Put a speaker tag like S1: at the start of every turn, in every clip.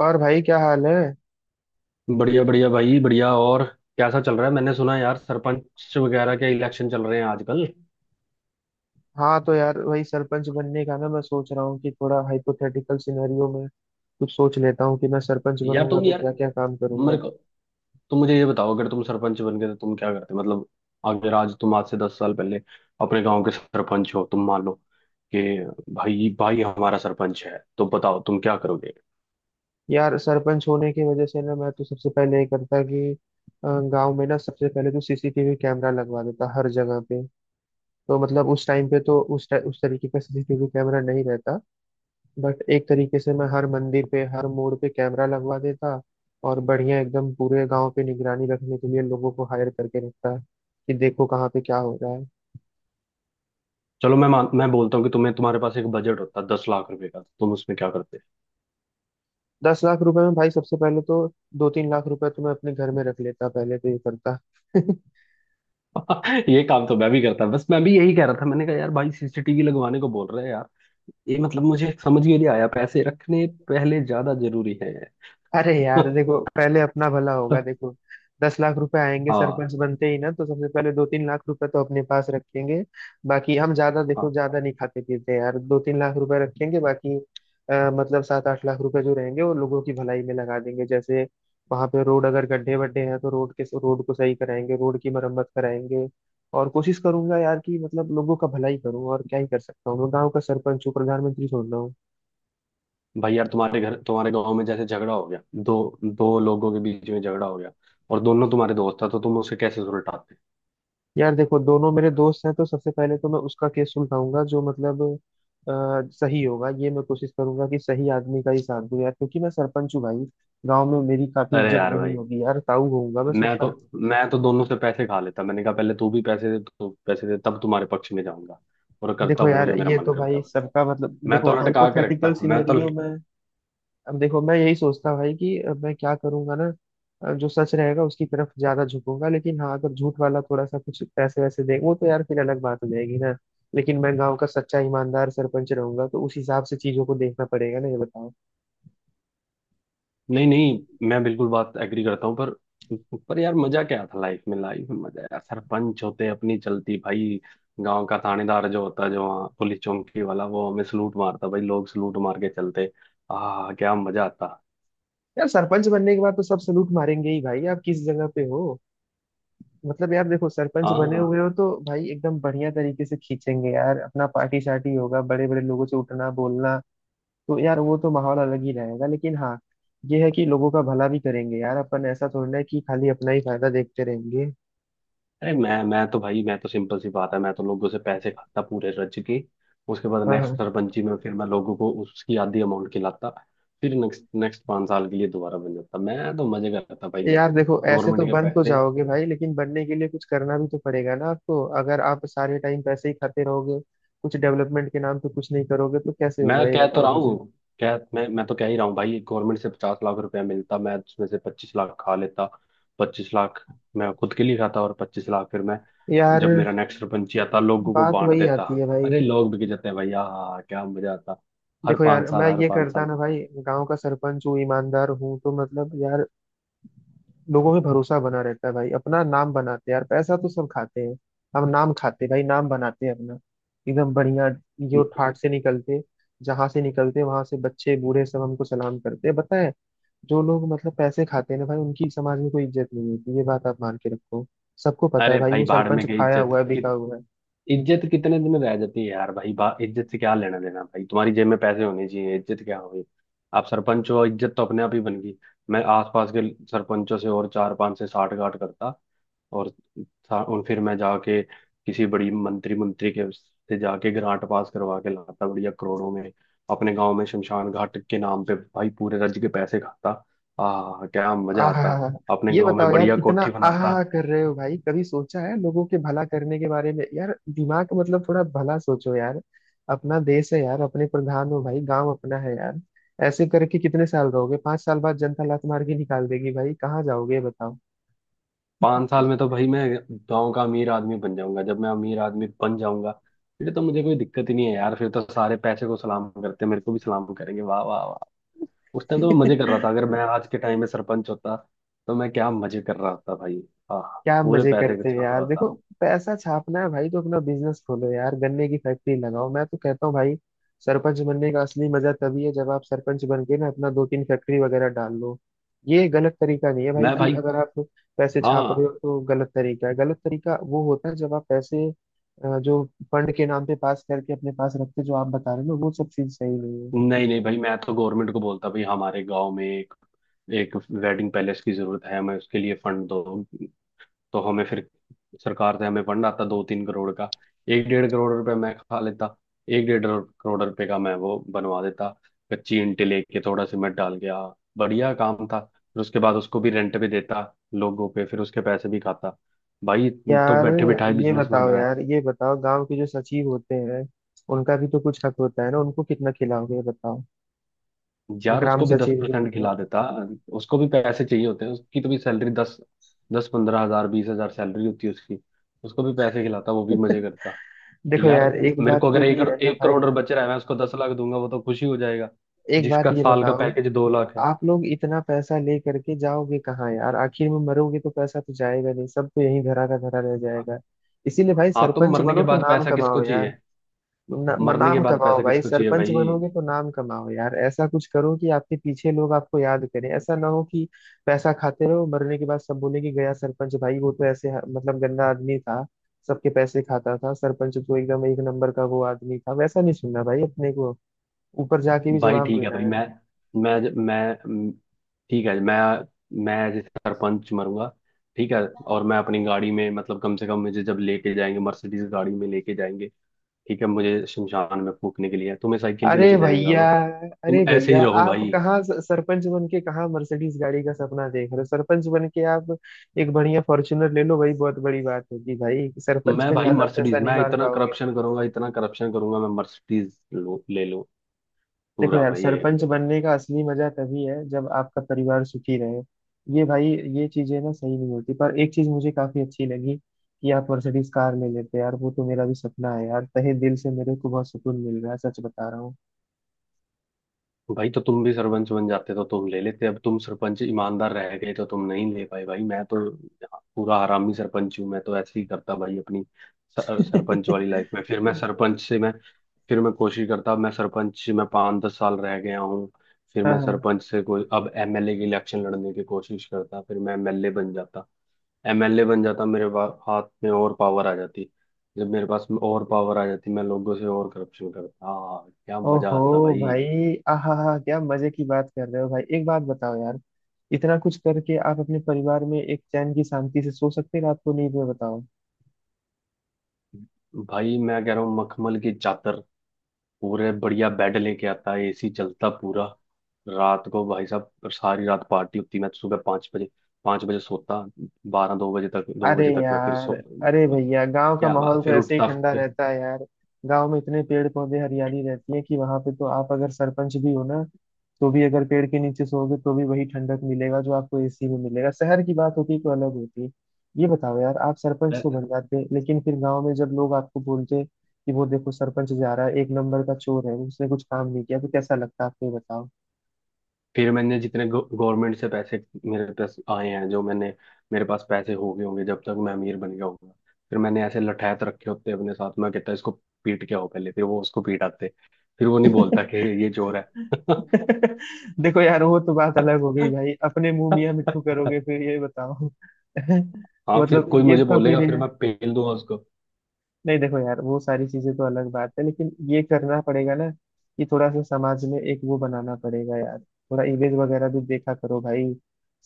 S1: और भाई क्या हाल है?
S2: बढ़िया बढ़िया भाई, बढ़िया। और कैसा चल रहा है? मैंने सुना यार, सरपंच वगैरह के इलेक्शन चल रहे हैं आजकल।
S1: हाँ, तो यार वही सरपंच बनने का ना मैं सोच रहा हूँ कि थोड़ा हाइपोथेटिकल सिनेरियो में कुछ सोच लेता हूँ कि मैं सरपंच
S2: यार
S1: बनूंगा
S2: तुम
S1: तो
S2: यार
S1: क्या क्या काम
S2: मेरे
S1: करूंगा।
S2: को तुम मुझे ये बताओ, अगर तुम सरपंच बन गए तो तुम क्या करते? मतलब अगर आज तुम, आज से 10 साल पहले अपने गांव के सरपंच हो तुम, मान लो कि भाई भाई हमारा सरपंच है, तो बताओ तुम क्या करोगे।
S1: यार सरपंच होने की वजह से ना मैं तो सबसे पहले ये करता कि गाँव में ना सबसे पहले तो सीसीटीवी कैमरा लगवा देता हर जगह पे। तो मतलब उस टाइम पे तो उस तरीके का सीसीटीवी कैमरा नहीं रहता। बट एक तरीके से मैं हर मंदिर पे हर मोड़ पे कैमरा लगवा देता, और बढ़िया एकदम पूरे गांव पे निगरानी रखने के लिए लोगों को हायर करके रखता कि देखो कहाँ पे क्या हो रहा है।
S2: चलो मैं मान मैं बोलता हूँ कि तुम्हें, तुम्हारे पास एक बजट होता है 10 लाख रुपए का, तो तुम उसमें क्या।
S1: 10 लाख रुपए में भाई सबसे पहले तो 2-3 लाख रुपए तो मैं अपने घर में रख लेता, पहले तो ये करता।
S2: ये काम तो मैं भी करता, बस मैं भी यही कह रहा था। मैंने कहा यार भाई सीसीटीवी लगवाने को बोल रहे हैं यार, ये मतलब मुझे समझ में नहीं आया, पैसे रखने पहले ज्यादा जरूरी है।
S1: अरे यार देखो, पहले अपना भला होगा। देखो दस लाख रुपए आएंगे
S2: हाँ
S1: सरपंच बनते ही ना, तो सबसे पहले 2-3 लाख रुपए तो अपने पास रखेंगे। बाकी हम ज्यादा देखो
S2: हाँ।
S1: ज्यादा नहीं खाते पीते यार, 2-3 लाख रुपए रखेंगे बाकी, मतलब 7-8 लाख रुपए जो रहेंगे वो लोगों की भलाई में लगा देंगे। जैसे वहां पे रोड अगर गड्ढे वड्ढे हैं तो रोड के, रोड को सही कराएंगे, रोड की मरम्मत कराएंगे। और कोशिश करूंगा यार कि मतलब लोगों का भलाई करूं, और क्या ही कर सकता हूँ, मैं गाँव का सरपंच हूँ, प्रधानमंत्री थोड़ी ना।
S2: भाई यार तुम्हारे घर, तुम्हारे गांव में जैसे झगड़ा हो गया, दो दो लोगों के बीच में झगड़ा हो गया और दोनों तुम्हारे दोस्त था, तो तुम उसे कैसे सुलटाते?
S1: यार देखो, दोनों मेरे दोस्त हैं तो सबसे पहले तो मैं उसका केस सुलझाऊंगा जो मतलब सही होगा। ये मैं कोशिश करूंगा कि सही आदमी का ही साथ दूं यार, क्योंकि मैं सरपंच हूँ भाई, गांव में मेरी काफी
S2: अरे
S1: इज्जत
S2: यार
S1: बनी
S2: भाई,
S1: होगी यार, ताऊ होऊंगा मैं
S2: मैं तो
S1: सबका।
S2: मैं तो दोनों से पैसे खा लेता। मैंने कहा पहले तू भी पैसे दे, तू पैसे दे, तब तुम्हारे पक्ष में जाऊंगा। और करता
S1: देखो
S2: वो,
S1: यार
S2: जो मेरा
S1: ये
S2: मन
S1: तो भाई
S2: करता।
S1: सबका मतलब,
S2: मैं तो
S1: देखो
S2: लटका के
S1: हाइपोथेटिकल
S2: रखता मैं तो।
S1: सिनेरियो में अब देखो मैं यही सोचता हूँ भाई कि अब मैं क्या करूंगा ना। जो सच रहेगा उसकी तरफ ज्यादा झुकूंगा, लेकिन हाँ अगर झूठ वाला थोड़ा सा कुछ पैसे वैसे दे, वो तो यार फिर अलग बात हो जाएगी ना। लेकिन मैं गांव का सच्चा ईमानदार सरपंच रहूंगा, तो उस हिसाब से चीजों को देखना पड़ेगा ना, ये बताओ।
S2: नहीं नहीं, मैं बिल्कुल बात एग्री करता हूँ, पर यार मजा क्या था? लाइफ में मजा यार, सरपंच होते अपनी चलती भाई। गांव का थानेदार जो होता, जो वहाँ पुलिस चौकी वाला, वो हमें सलूट मारता, भाई लोग सलूट मार के चलते, आ क्या मजा आता।
S1: यार सरपंच बनने के बाद तो सब सलूट मारेंगे ही भाई, आप किस जगह पे हो। मतलब यार देखो, सरपंच बने हुए
S2: हाँ।
S1: हो तो भाई एकदम बढ़िया तरीके से खींचेंगे यार, अपना पार्टी शार्टी होगा, बड़े बड़े लोगों से उठना बोलना। तो यार वो तो माहौल अलग ही रहेगा, लेकिन हाँ ये है कि लोगों का भला भी करेंगे यार, अपन ऐसा थोड़ी ना है कि खाली अपना ही फायदा देखते रहेंगे।
S2: अरे मैं तो सिंपल सी बात है, मैं तो लोगों से पैसे खाता पूरे रज के। उसके बाद
S1: हाँ,
S2: नेक्स्ट
S1: हाँ।
S2: सरपंची में फिर मैं लोगों को उसकी आधी अमाउंट खिलाता। फिर नेक्स्ट नेक्स्ट 5 साल के लिए दोबारा बन जाता, मैं तो मजे करता भाई।
S1: यार देखो ऐसे
S2: गवर्नमेंट
S1: तो
S2: के
S1: बन तो
S2: पैसे।
S1: जाओगे भाई, लेकिन बनने के लिए कुछ करना भी तो पड़ेगा ना आपको, अगर आप सारे टाइम पैसे ही खाते रहोगे, कुछ डेवलपमेंट के नाम पे कुछ नहीं करोगे तो कैसे होगा,
S2: मैं
S1: ये
S2: कह तो
S1: बताओ
S2: रहा हूँ,
S1: मुझे
S2: कह मैं तो कह ही रहा हूँ भाई, गवर्नमेंट से 50 लाख रुपया मिलता, मैं उसमें से 25 लाख खा लेता। 25 लाख मैं खुद के लिए खाता, और 25 लाख फिर मैं,
S1: यार।
S2: जब मेरा नेक्स्ट सरपंची आता, लोगों को
S1: बात
S2: बांट
S1: वही
S2: देता।
S1: आती है भाई।
S2: अरे लोग बिक जाते हैं भाई, हाँ क्या मजा आता। हर
S1: देखो यार
S2: 5 साल,
S1: मैं
S2: हर
S1: ये
S2: पाँच
S1: करता
S2: साल।
S1: ना भाई, गांव का सरपंच हूँ, ईमानदार हूँ, तो मतलब यार लोगों में भरोसा बना रहता है भाई, अपना नाम बनाते हैं यार, पैसा तो सब खाते हैं, हम नाम खाते हैं भाई, नाम बनाते हैं अपना, एकदम बढ़िया। जो ठाट से निकलते, जहां से निकलते वहां से बच्चे बूढ़े सब हमको सलाम करते हैं, पता है। जो लोग मतलब पैसे खाते हैं ना भाई, उनकी समाज में कोई इज्जत नहीं होती, ये बात आप मान के रखो, सबको पता है
S2: अरे
S1: भाई
S2: भाई
S1: वो
S2: भाड़ में
S1: सरपंच
S2: गई
S1: खाया
S2: इज्जत।
S1: हुआ है, बिका हुआ है।
S2: इज्जत कितने दिन रह जाती है यार भाई? बा इज्जत से क्या लेना देना भाई, तुम्हारी जेब में पैसे होने चाहिए। इज्जत क्या होगी? आप सरपंच हो, इज्जत तो अपने आप ही बन गई। मैं आसपास के सरपंचों से और चार पांच से साठ गांठ करता, और और फिर मैं जाके किसी बड़ी मंत्री मंत्री के से जाके ग्रांट पास करवा के लाता बढ़िया करोड़ों में। अपने गांव में शमशान घाट के नाम पे भाई पूरे राज्य के पैसे खाता, आ क्या मजा आता।
S1: आहा।
S2: अपने
S1: ये
S2: गांव में
S1: बताओ यार
S2: बढ़िया
S1: इतना
S2: कोठी बनाता।
S1: आहा कर रहे हो भाई, कभी सोचा है लोगों के भला करने के बारे में यार, दिमाग मतलब थोड़ा भला सोचो यार, अपना देश है यार, अपने प्रधान हो भाई, गांव अपना है यार। ऐसे करके कितने साल रहोगे, 5 साल बाद जनता लात मार के निकाल देगी भाई, कहाँ जाओगे, ये
S2: पाँच साल में तो भाई मैं गांव का अमीर आदमी बन जाऊंगा। जब मैं अमीर आदमी बन जाऊंगा, फिर तो मुझे कोई दिक्कत ही नहीं है यार। फिर तो सारे पैसे को सलाम करते हैं, मेरे को भी सलाम करेंगे। वाह वाह वाह। उस टाइम तो मैं मजे कर
S1: बताओ।
S2: रहा था, अगर मैं आज के टाइम में सरपंच होता तो मैं क्या मजे कर रहा होता भाई। हाँ,
S1: क्या
S2: पूरे
S1: मजे
S2: पैसे को
S1: करते हैं
S2: छाप रहा
S1: यार, देखो
S2: होता।
S1: पैसा छापना है भाई तो अपना बिजनेस खोलो यार, गन्ने की फैक्ट्री लगाओ, मैं तो कहता हूँ भाई सरपंच बनने का असली मजा तभी है जब आप सरपंच बन के ना अपना दो तीन फैक्ट्री वगैरह डाल लो। ये गलत तरीका नहीं है भाई
S2: मैं
S1: कि
S2: भाई।
S1: अगर आप पैसे छाप रहे
S2: हाँ।
S1: हो तो गलत तरीका है, गलत तरीका वो होता है जब आप पैसे जो फंड के नाम पे पास करके अपने पास रखते हो, जो आप बता रहे हो ना वो सब चीज सही नहीं है
S2: नहीं नहीं भाई, मैं तो गवर्नमेंट को बोलता भाई, हमारे गाँव में एक एक वेडिंग पैलेस की जरूरत है, हमें उसके लिए फंड दो। तो हमें फिर सरकार से हमें फंड आता 2-3 करोड़ का। एक डेढ़ करोड़ रुपए मैं खा लेता, एक डेढ़ करोड़ रुपए का मैं वो बनवा देता, कच्ची ईंटें लेके थोड़ा सीमेंट डाल के आ, बढ़िया काम था। फिर उसके बाद उसको भी रेंट पे देता लोगों पे, फिर उसके पैसे भी खाता भाई, तो
S1: यार।
S2: बैठे बिठाए
S1: ये
S2: बिजनेस बन
S1: बताओ
S2: रहा है।
S1: यार, ये बताओ गांव के जो सचिव होते हैं, उनका भी तो कुछ हक होता है ना, उनको कितना खिलाओगे, ये बताओ।
S2: यार
S1: ग्राम
S2: उसको भी दस
S1: सचिव जो
S2: परसेंट
S1: होते
S2: खिला देता। उसको भी पैसे चाहिए होते हैं, उसकी तो भी सैलरी दस, 10-15 हजार, 20 हजार सैलरी होती है उसकी। उसको भी पैसे खिलाता, वो
S1: हैं।
S2: भी मजे करता।
S1: देखो
S2: यार
S1: यार एक
S2: मेरे
S1: बात
S2: को
S1: तो
S2: अगर
S1: ये है ना
S2: एक
S1: भाई,
S2: करोड़ बच रहा है, मैं उसको 10 लाख दूंगा, वो तो खुशी हो जाएगा,
S1: एक बात
S2: जिसका
S1: ये
S2: साल का
S1: बताओ,
S2: पैकेज 2 लाख है।
S1: आप लोग इतना पैसा ले करके जाओगे कहाँ यार, आखिर में मरोगे तो पैसा तो जाएगा नहीं, सब तो यहीं धरा का धरा रह जाएगा। इसीलिए भाई
S2: हाँ, तो
S1: सरपंच
S2: मरने के
S1: बनो तो
S2: बाद
S1: नाम
S2: पैसा किसको
S1: कमाओ यार,
S2: चाहिए?
S1: न, म-
S2: मरने के
S1: नाम
S2: बाद
S1: कमाओ
S2: पैसा
S1: भाई,
S2: किसको चाहिए
S1: सरपंच
S2: भाई?
S1: बनोगे तो नाम कमाओ यार, ऐसा कुछ करो कि आपके पीछे लोग आपको याद करें, ऐसा ना हो कि पैसा खाते रहो मरने के बाद सब बोले कि गया सरपंच, भाई वो तो ऐसे मतलब गंदा आदमी था, सबके पैसे खाता था, सरपंच तो एकदम एक नंबर का वो आदमी था, वैसा नहीं सुनना भाई अपने को, ऊपर जाके भी
S2: भाई
S1: जवाब
S2: ठीक है
S1: देना
S2: भाई,
S1: है।
S2: मैं मैं म, ठीक है, मैं एज सरपंच मरूंगा। ठीक है, और मैं अपनी गाड़ी में, मतलब कम से कम मुझे जब लेके जाएंगे, मर्सिडीज गाड़ी में लेके जाएंगे। ठीक है, मुझे शमशान में फूकने के लिए तुम्हें साइकिल भी
S1: अरे
S2: लेके जाएंगे
S1: भैया,
S2: सालों।
S1: अरे
S2: तुम ऐसे ही
S1: भैया
S2: रहो
S1: आप
S2: भाई।
S1: कहाँ, सरपंच बन के कहाँ मर्सिडीज गाड़ी का सपना देख रहे हो, सरपंच बन के आप एक बढ़िया फॉर्च्यूनर ले लो, वही बहुत बड़ी बात होगी भाई, सरपंच
S2: मैं
S1: में
S2: भाई
S1: ज्यादा पैसा
S2: मर्सिडीज,
S1: नहीं
S2: मैं
S1: मार
S2: इतना
S1: पाओगे।
S2: करप्शन करूंगा, इतना करप्शन करूंगा, मैं मर्सिडीज ले लूं
S1: देखो
S2: पूरा
S1: यार
S2: भाई ये।
S1: सरपंच बनने का असली मजा तभी है जब आपका परिवार सुखी रहे, ये भाई, ये चीजें ना सही नहीं होती, पर एक चीज मुझे काफी अच्छी लगी कि आप मर्सिडीज कार ले लेते यार, वो तो मेरा भी सपना है यार, तहे दिल से मेरे को बहुत सुकून मिल रहा है, सच बता रहा हूँ।
S2: भाई तो तुम भी सरपंच बन जाते तो तुम ले लेते, अब तुम सरपंच ईमानदार रह गए तो तुम नहीं ले पाए भाई। मैं तो पूरा हरामी सरपंच हूँ, मैं तो ऐसे ही करता भाई अपनी सरपंच वाली लाइफ में। फिर मैं सरपंच से मैं, फिर मैं कोशिश करता, मैं सरपंच मैं 5-10 साल रह गया हूँ, फिर
S1: हाँ,
S2: मैं
S1: हाँ।
S2: सरपंच से कोई अब एमएलए के इलेक्शन लड़ने की कोशिश करता, फिर मैं एमएलए बन जाता। एमएलए बन जाता, मेरे हाथ में और पावर आ जाती। जब मेरे पास में और पावर आ जाती, मैं लोगों से और करप्शन करता, हाँ क्या मजा
S1: ओहो,
S2: आता भाई।
S1: भाई आहा हा, क्या मजे की बात कर रहे हो भाई, एक बात बताओ यार, इतना कुछ करके आप अपने परिवार में एक चैन की शांति से सो सकते हैं रात को नींद में, बताओ।
S2: भाई मैं कह रहा हूँ, मखमल की चादर, पूरे बढ़िया बेड लेके आता, एसी चलता पूरा। रात को भाई साहब सारी रात पार्टी होती, मैं तो सुबह पाँच बजे सोता। बारह दो बजे तक दो
S1: अरे
S2: बजे तक मैं फिर
S1: यार,
S2: सो,
S1: अरे भैया गांव का
S2: क्या
S1: माहौल
S2: बात,
S1: तो
S2: फिर
S1: ऐसे ही
S2: उठता।
S1: ठंडा रहता है यार, गांव में इतने पेड़ पौधे हरियाली रहती है कि वहां पे तो आप अगर सरपंच भी हो ना, तो भी अगर पेड़ के नीचे सोओगे तो भी वही ठंडक मिलेगा जो आपको एसी में मिलेगा, शहर की बात होती तो अलग होती। ये बताओ यार आप सरपंच
S2: फिर
S1: तो बन जाते लेकिन फिर गांव में जब लोग आपको बोलते कि वो देखो सरपंच जा रहा है, एक नंबर का चोर है, उसने कुछ काम नहीं किया, तो कैसा लगता है आप, ये बताओ।
S2: फिर मैंने जितने गवर्नमेंट से पैसे मेरे पास आए हैं, जो मैंने, मेरे पास पैसे हो गए होंगे जब तक मैं अमीर बन गया होगा, फिर मैंने ऐसे लठैत रखे होते हैं अपने साथ, मैं कहता इसको पीट के आओ पहले, फिर वो उसको पीटाते, फिर वो नहीं बोलता कि ये चोर है।
S1: देखो यार वो तो बात अलग हो गई भाई, अपने मुंह मियां मिट्ठू करोगे फिर, ये बताओ।
S2: हाँ, फिर
S1: मतलब
S2: कोई
S1: ये
S2: मुझे
S1: तो फिर
S2: बोलेगा फिर
S1: है,
S2: मैं पेल दूंगा उसको।
S1: नहीं देखो यार वो सारी चीजें तो अलग बात है, लेकिन ये करना पड़ेगा ना कि थोड़ा सा समाज में एक वो बनाना पड़ेगा यार, थोड़ा इमेज वगैरह भी देखा करो भाई,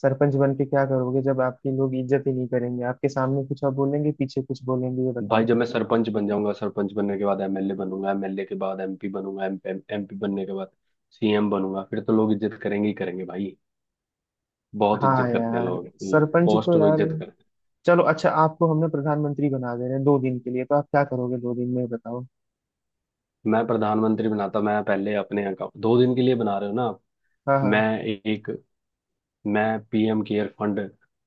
S1: सरपंच बन के क्या करोगे जब आपकी लोग इज्जत ही नहीं करेंगे, आपके सामने कुछ और बोलेंगे पीछे कुछ बोलेंगे, ये
S2: भाई
S1: बताओ।
S2: जब मैं सरपंच बन जाऊंगा, सरपंच बनने के बाद एमएलए बनूंगा, एमएलए के बाद एमपी बनूंगा, एमपी बनने के बाद सीएम बनूंगा, फिर तो लोग इज्जत करेंगे ही करेंगे भाई। बहुत
S1: हाँ
S2: इज्जत करते हैं
S1: यार
S2: लोग
S1: सरपंच
S2: पोस्ट
S1: तो
S2: को,
S1: यार,
S2: इज्जत।
S1: चलो अच्छा, आपको हमने प्रधानमंत्री बना दे रहे हैं 2 दिन के लिए, तो आप क्या करोगे 2 दिन में, ये बताओ।
S2: मैं प्रधानमंत्री बनाता, मैं पहले अपने अकाउंट, 2 दिन के लिए बना रहे हो ना आप?
S1: हाँ,
S2: मैं
S1: हाँ।
S2: एक, मैं पीएम केयर फंड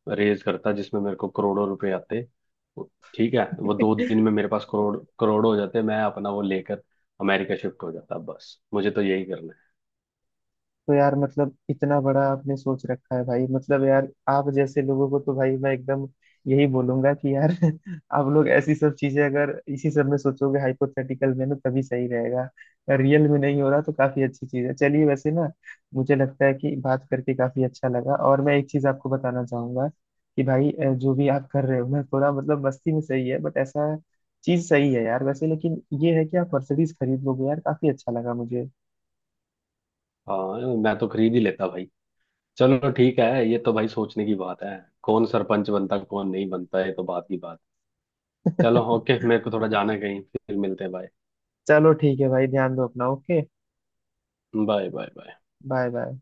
S2: रेज करता, जिसमें मेरे को करोड़ों रुपए आते। ठीक है, वो 2 दिन में मेरे पास करोड़ करोड़ हो जाते, मैं अपना वो लेकर अमेरिका शिफ्ट हो जाता, बस मुझे तो यही करना है।
S1: तो यार मतलब इतना बड़ा आपने सोच रखा है भाई, मतलब यार आप जैसे लोगों को तो भाई मैं एकदम यही बोलूंगा कि यार, आप लोग ऐसी सब चीजें अगर इसी सब में सोचोगे हाइपोथेटिकल में ना, तभी सही रहेगा, रियल में नहीं हो रहा तो काफी अच्छी चीज है, चलिए वैसे ना, मुझे लगता है कि बात करके काफी अच्छा लगा, और मैं एक चीज आपको बताना चाहूंगा कि भाई जो भी आप कर रहे हो ना, थोड़ा मतलब मस्ती में सही है, बट ऐसा चीज सही है यार वैसे, लेकिन ये है कि आप मर्सिडीज खरीद लोगे यार, काफी अच्छा लगा मुझे।
S2: हाँ मैं तो खरीद ही लेता भाई। चलो ठीक है, ये तो भाई सोचने की बात है, कौन सरपंच बनता कौन नहीं बनता, ये तो बात की बात। चलो ओके, मेरे को थोड़ा जाना है कहीं, फिर मिलते हैं, बाय
S1: चलो ठीक है भाई, ध्यान दो अपना, okay.
S2: Bye bye bye.
S1: Bye bye.